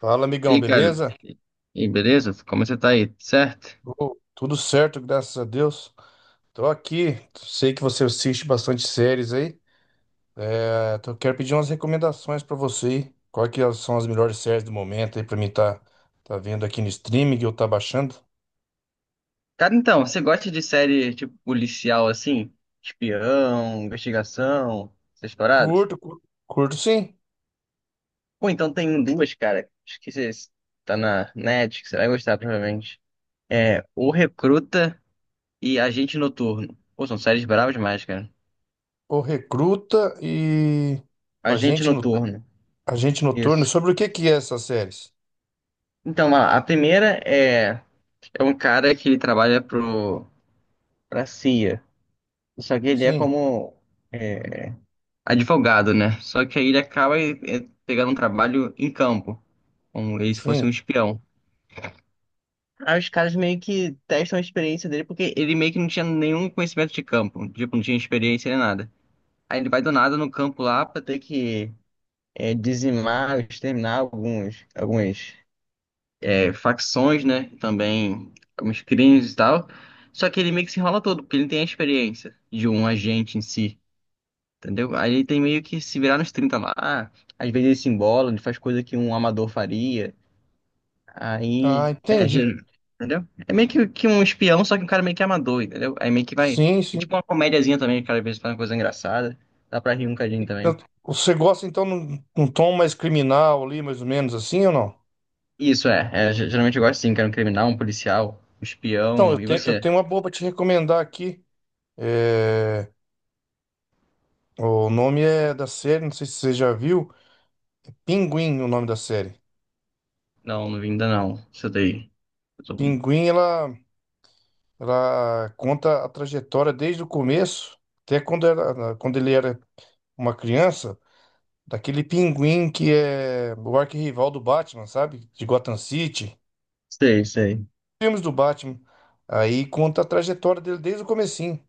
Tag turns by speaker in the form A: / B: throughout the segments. A: Fala,
B: E
A: amigão,
B: aí, cara,
A: beleza?
B: e e beleza? Como você tá aí? Certo?
A: Ô, tudo certo, graças a Deus. Tô aqui, sei que você assiste bastante séries aí. Quero pedir umas recomendações pra você aí. Quais que são as melhores séries do momento aí pra mim tá vendo aqui no streaming ou tá baixando?
B: Cara, então, você gosta de série tipo policial assim? Espião, investigação, essas paradas?
A: Curto, curto, curto sim.
B: Pô, então tem duas, cara. Acho que você tá na net, que você vai gostar provavelmente. É O Recruta e Agente Noturno. Pô, são séries bravas demais, cara.
A: O Recruta e
B: Agente
A: Agente, no,
B: Noturno,
A: Agente Noturno.
B: isso.
A: Sobre o que que é essas séries?
B: Então, a primeira é um cara que ele trabalha pra CIA. Só que ele é
A: Sim,
B: como. é, advogado, né? Só que aí ele acaba pegando um trabalho em campo, como ele se fosse um
A: sim.
B: espião. Aí os caras meio que testam a experiência dele, porque ele meio que não tinha nenhum conhecimento de campo, tipo, não tinha experiência nem nada. Aí ele vai do nada no campo lá pra ter que dizimar, exterminar algumas facções, né? Também alguns crimes e tal. Só que ele meio que se enrola todo, porque ele não tem a experiência de um agente em si. Entendeu? Aí ele tem meio que se virar nos 30 lá. Às vezes ele se embola, ele faz coisa que um amador faria.
A: Ah,
B: Aí.
A: entendi.
B: Entendeu? É meio que um espião, só que um cara meio que amador, entendeu? Aí meio que vai.
A: Sim,
B: É
A: sim.
B: tipo uma comédiazinha também, que o cara às vezes faz uma coisa engraçada. Dá pra rir um cadinho também.
A: Você gosta então num tom mais criminal ali, mais ou menos assim ou não?
B: Isso é. Geralmente eu gosto sim, que era um criminal, um policial, um
A: Então,
B: espião.
A: eu
B: E
A: tenho, eu
B: você?
A: tenho uma boa pra te recomendar aqui. É, O nome é da série, não sei se você já viu. Pinguim, o nome da série.
B: Não, não vi ainda não. Você daí. Eu tô-
A: Pinguim, ela conta a trajetória desde o começo, até quando, era, quando ele era uma criança, daquele pinguim que é o arquirrival do Batman, sabe? De Gotham City.
B: Sei, sei.
A: Filmes do Batman. Aí conta a trajetória dele desde o comecinho.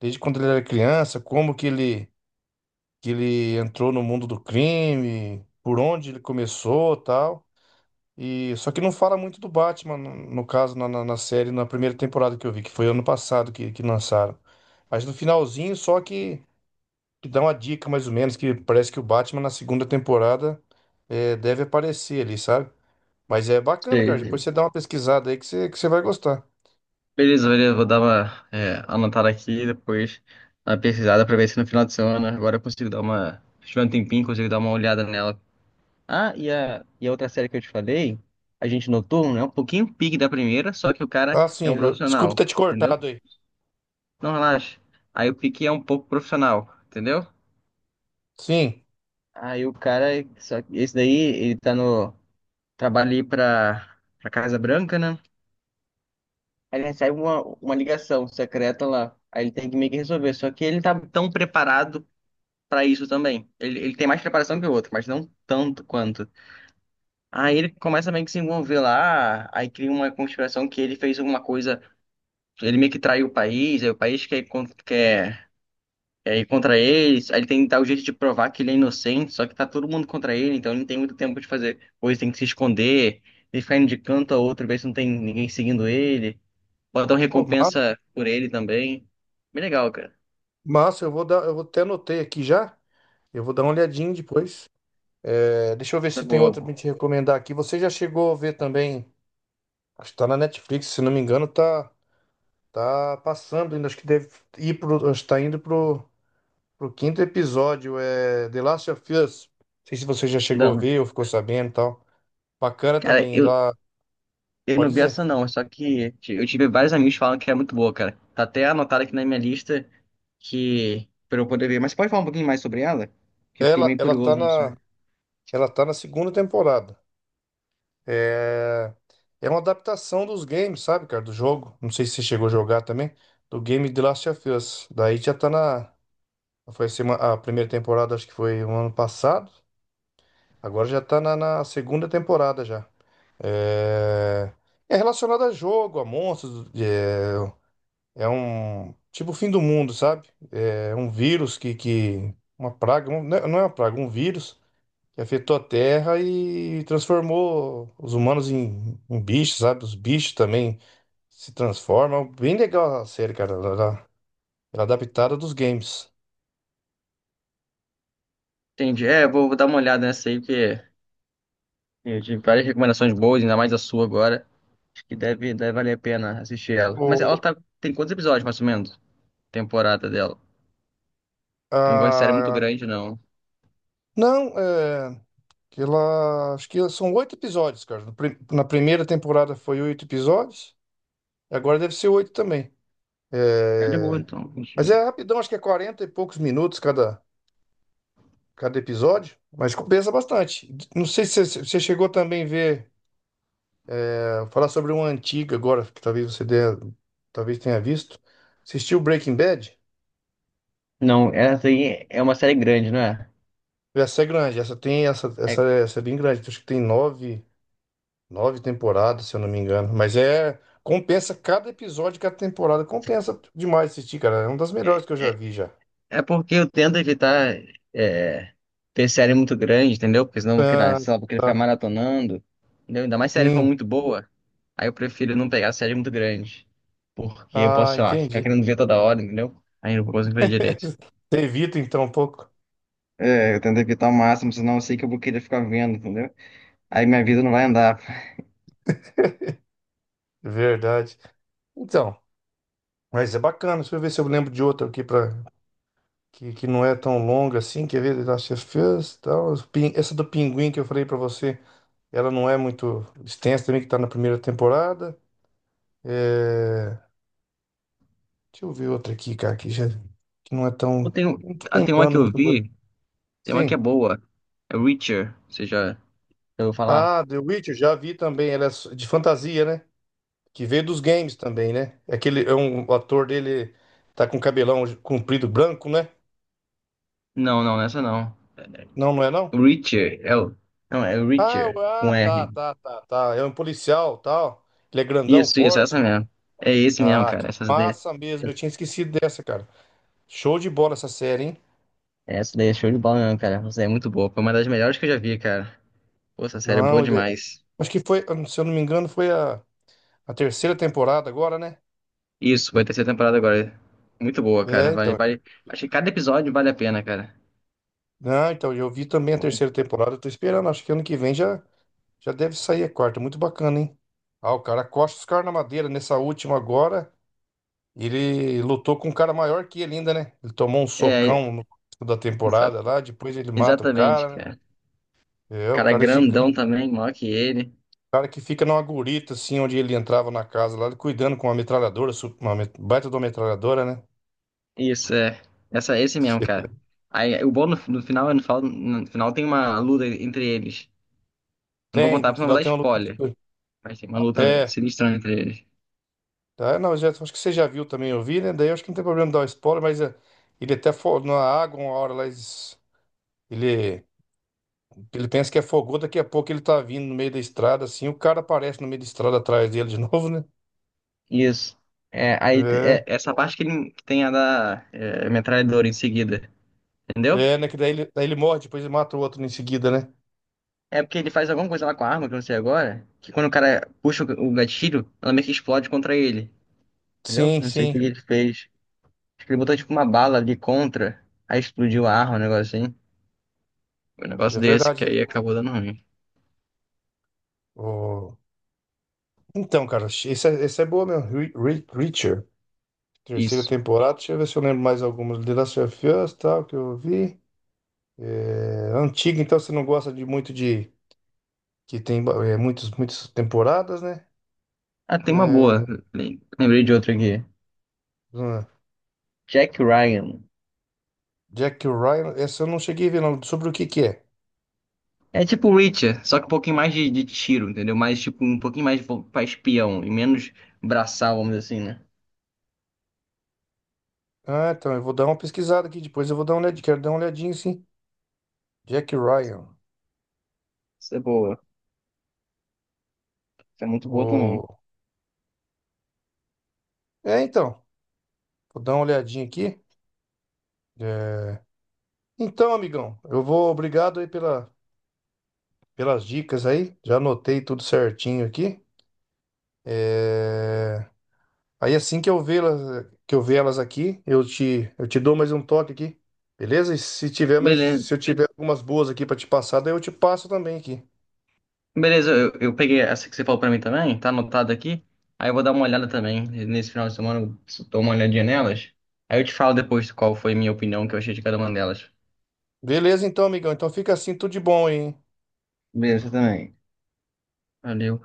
A: Desde quando ele era criança, como que ele entrou no mundo do crime, por onde ele começou, tal. E só que não fala muito do Batman, no caso na série, na primeira temporada que eu vi, que foi ano passado que lançaram. Mas no finalzinho só que dá uma dica mais ou menos que parece que o Batman na segunda temporada deve aparecer ali, sabe? Mas é bacana, cara. Depois
B: Sei.
A: você dá uma pesquisada aí que você vai gostar.
B: Beleza, beleza, vou dar uma anotada aqui, depois uma pesquisada pra ver se no final de semana agora eu consigo dar uma. Se tiver um tempinho, consigo dar uma olhada nela. Ah, e a outra série que eu te falei, a Agente Noturno, é um pouquinho pique da primeira, só que o cara
A: Ah,
B: é
A: sim.
B: um
A: Desculpa
B: profissional,
A: ter te
B: entendeu?
A: cortado aí.
B: Não relaxa. Aí o pique é um pouco profissional, entendeu?
A: Sim.
B: Aí o cara, só que esse daí, ele tá no trabalho ali pra Casa Branca, né? Aí ele recebe uma ligação secreta lá. Aí ele tem que meio que resolver. Só que ele tá tão preparado pra isso também. Ele tem mais preparação que o outro, mas não tanto quanto. Aí ele começa meio que se envolver lá. Aí cria uma conspiração que ele fez alguma coisa. Ele meio que traiu o país. Aí o país quer ir contra eles. Aí ele tem que dar o jeito de provar que ele é inocente. Só que tá todo mundo contra ele. Então ele não tem muito tempo de fazer coisa. Tem que se esconder. Ele ficar indo de canto a outro, ver se não tem ninguém seguindo ele. Botão
A: Ô,
B: recompensa por ele também. Bem legal, cara.
A: massa, eu vou dar, eu vou até anotei aqui já. Eu vou dar uma olhadinha depois. É, deixa eu ver
B: Tá
A: se tem outra pra
B: boa.
A: te recomendar aqui. Você já chegou a ver também? Acho que tá na Netflix, se não me engano, tá passando ainda. Acho que deve ir pro, acho que tá indo pro, pro quinto episódio. É The Last of Us. Não sei se você já chegou a
B: Não.
A: ver ou ficou sabendo e tal. Bacana
B: Cara,
A: também.
B: eu, eu
A: Pode
B: não vi
A: dizer.
B: essa não, só que eu tive vários amigos que falam que é muito boa, cara. Tá até anotado aqui na minha lista que pra eu poder ver. Mas pode falar um pouquinho mais sobre ela? Que eu fiquei
A: Ela,
B: meio
A: ela tá
B: curioso, não
A: na,
B: sei.
A: ela tá na segunda temporada. É, é uma adaptação dos games, sabe, cara? Do jogo. Não sei se você chegou a jogar também. Do game The Last of Us. Daí já tá na. Foi a a primeira temporada, acho que foi o ano passado. Agora já tá na segunda temporada já. É, é relacionado a jogo, a monstros. É, é um. Tipo o fim do mundo, sabe? É um vírus que, que. Uma praga. Não é não é uma praga, um vírus que afetou a Terra e transformou os humanos em bichos, sabe? Os bichos também se transformam. Bem legal a série, cara. Ela é adaptada dos games.
B: Entendi. Vou dar uma olhada nessa aí, porque eu tive várias recomendações boas, ainda mais a sua agora. Acho que deve, deve valer a pena assistir ela.
A: O,
B: Mas ela tá, tem quantos episódios, mais ou menos? Temporada dela. Eu não gosto de série muito
A: a,
B: grande, não.
A: não, é, Que ela, acho que são 8 episódios, cara. No pri- Na primeira temporada foi 8 episódios, e agora deve ser 8 também.
B: É de boa,
A: É,
B: então.
A: mas é rapidão, acho que é 40 e poucos minutos cada episódio, mas compensa bastante. Não sei se você chegou também a ver. Vou falar sobre uma antiga agora, que talvez talvez tenha visto. Assistiu Breaking Bad?
B: Não, essa aí é uma série grande, não é?
A: Essa é grande, essa tem essa,
B: É,
A: essa é bem grande. Então acho que tem nove temporadas, se eu não me engano. Mas é compensa cada episódio, cada temporada. Compensa demais assistir, cara. É uma das melhores que eu já vi já.
B: é porque eu tento evitar é, ter série muito grande, entendeu? Porque senão eu vou querer, sei lá, vou querer ficar
A: Ah,
B: maratonando, entendeu? Ainda mais se a série for
A: sim.
B: muito boa, aí eu prefiro não pegar série muito grande. Porque eu
A: Ah,
B: posso, sei lá, ficar
A: entendi.
B: querendo ver toda hora, entendeu? Aí eu não consigo ver direito.
A: Você evita então um pouco.
B: É, eu tento evitar o máximo, senão eu sei que eu vou querer ficar vendo, entendeu? Aí minha vida não vai andar.
A: Verdade. Então, mas é bacana. Deixa eu ver se eu lembro de outra aqui para que, que não é tão longa assim, quer ver? The Last of Us, tal. Essa do Pinguim que eu falei pra você, ela não é muito extensa também, que tá na primeira temporada. É, deixa eu ver outra aqui, cara, que não é tão.
B: Ou tem,
A: Não tô
B: ah, tem uma que
A: lembrando
B: eu
A: muito agora.
B: vi, tem uma que é
A: Sim.
B: boa. É Reacher, você já ouviu falar?
A: Ah, The Witcher, já vi também, de fantasia, né? Que veio dos games também, né? Aquele, é um O ator dele tá com cabelão comprido branco, né?
B: Não, não, nessa não.
A: Não, não é não?
B: Richard, é o... Não, é o Richard, com
A: Tá,
B: R.
A: tá, tá, tá. É um policial, tal. Ele é grandão,
B: Isso,
A: forte.
B: essa mesmo. É esse mesmo,
A: Ah, que
B: cara.
A: massa mesmo. Eu tinha esquecido dessa, cara. Show de bola essa série, hein?
B: Essa daí é show de bola mesmo, cara. Essa daí é muito boa. Foi uma das melhores que eu já vi, cara. Pô, essa série é boa
A: Não, ele é...
B: demais.
A: Acho que foi, se eu não me engano, a terceira temporada agora, né?
B: Isso, vai ter terceira temporada agora. Muito boa, cara.
A: É,
B: Vale,
A: então.
B: vale. Acho que cada episódio vale a pena, cara.
A: Não, então, eu vi também a
B: Bom.
A: terceira temporada. Eu tô esperando. Acho que ano que vem já deve sair a quarta. Muito bacana, hein? Ah, o cara costa os caras na madeira. Nessa última agora, ele lutou com um cara maior que ele ainda, né? Ele tomou um
B: É,
A: socão no começo da
B: exa-
A: temporada lá. Depois ele mata o
B: exatamente,
A: cara, né?
B: cara.
A: É, o
B: Cara
A: cara é gigante.
B: grandão também, maior que ele.
A: Cara que fica numa gurita, assim, onde ele entrava na casa lá, ele cuidando com uma metralhadora, baita de uma metralhadora, né?
B: Isso, é. Essa, esse mesmo, cara. Aí, o bom no final, no final tem uma luta entre eles. Eu Não vou
A: Tem,
B: contar,
A: no
B: porque senão eu
A: final
B: vou dar
A: tem uma luta entre os
B: spoiler.
A: dois.
B: Mas tem uma luta
A: É,
B: sinistra entre eles.
A: tá, não, já, Acho que você já viu também, eu vi, né? Daí eu acho que não tem problema dar o spoiler, mas é, na água uma hora lá, ele, ele pensa que afogou, daqui a pouco ele tá vindo no meio da estrada, assim, o cara aparece no meio da estrada atrás dele de novo, né?
B: Isso.
A: É,
B: Essa parte que, ele, que tem a da metralhadora em seguida. Entendeu?
A: é, né? Que daí ele morre, depois ele mata o outro em seguida, né?
B: É porque ele faz alguma coisa lá com a arma, que eu não sei agora. Que quando o cara puxa o gatilho, ela meio que explode contra ele. Entendeu?
A: Sim,
B: Não sei o
A: sim,
B: que ele fez. Acho que ele botou tipo uma bala ali contra. Aí explodiu a arma, um negócio assim. Foi um
A: é
B: negócio desse que
A: verdade.
B: aí acabou dando ruim.
A: Então, cara, esse é boa mesmo. Reacher, terceira
B: Isso.
A: temporada. Deixa eu ver se eu lembro mais algumas. The Last of Us, tal, que eu vi. É, antiga, então você não gosta de muito de. Que tem muitas temporadas, né?
B: Ah, tem uma boa.
A: É,
B: Lembrei de outra aqui.
A: hum,
B: Jack Ryan.
A: Jack Ryan, essa eu não cheguei a ver, não. Sobre o que que é?
B: É tipo Witcher, só que um pouquinho mais de tiro, entendeu? Mais tipo um pouquinho mais pra espião e menos braçal, vamos dizer assim, né?
A: Ah, então, eu vou dar uma pesquisada aqui depois. Eu vou dar uma olhadinha. Quero dar uma olhadinha, sim. Jack Ryan.
B: Isso é boa. Isso é muito boa também.
A: O... É, então. Vou dar uma olhadinha aqui. É, Então, amigão, eu vou. Obrigado aí pela. Pelas dicas aí. Já anotei tudo certinho aqui. É, Aí assim que eu ver elas aqui, eu te dou mais um toque aqui. Beleza? E se tiver mais, se
B: Beleza.
A: eu tiver algumas boas aqui para te passar, daí eu te passo também aqui.
B: Eu peguei essa que você falou pra mim também, tá anotado aqui. Aí eu vou dar uma olhada também. Nesse final de semana eu dou uma olhadinha nelas. Aí eu te falo depois qual foi a minha opinião que eu achei de cada uma delas.
A: Beleza, então, amigão. Então fica assim, tudo de bom aí, hein?
B: Beleza, você também. Valeu.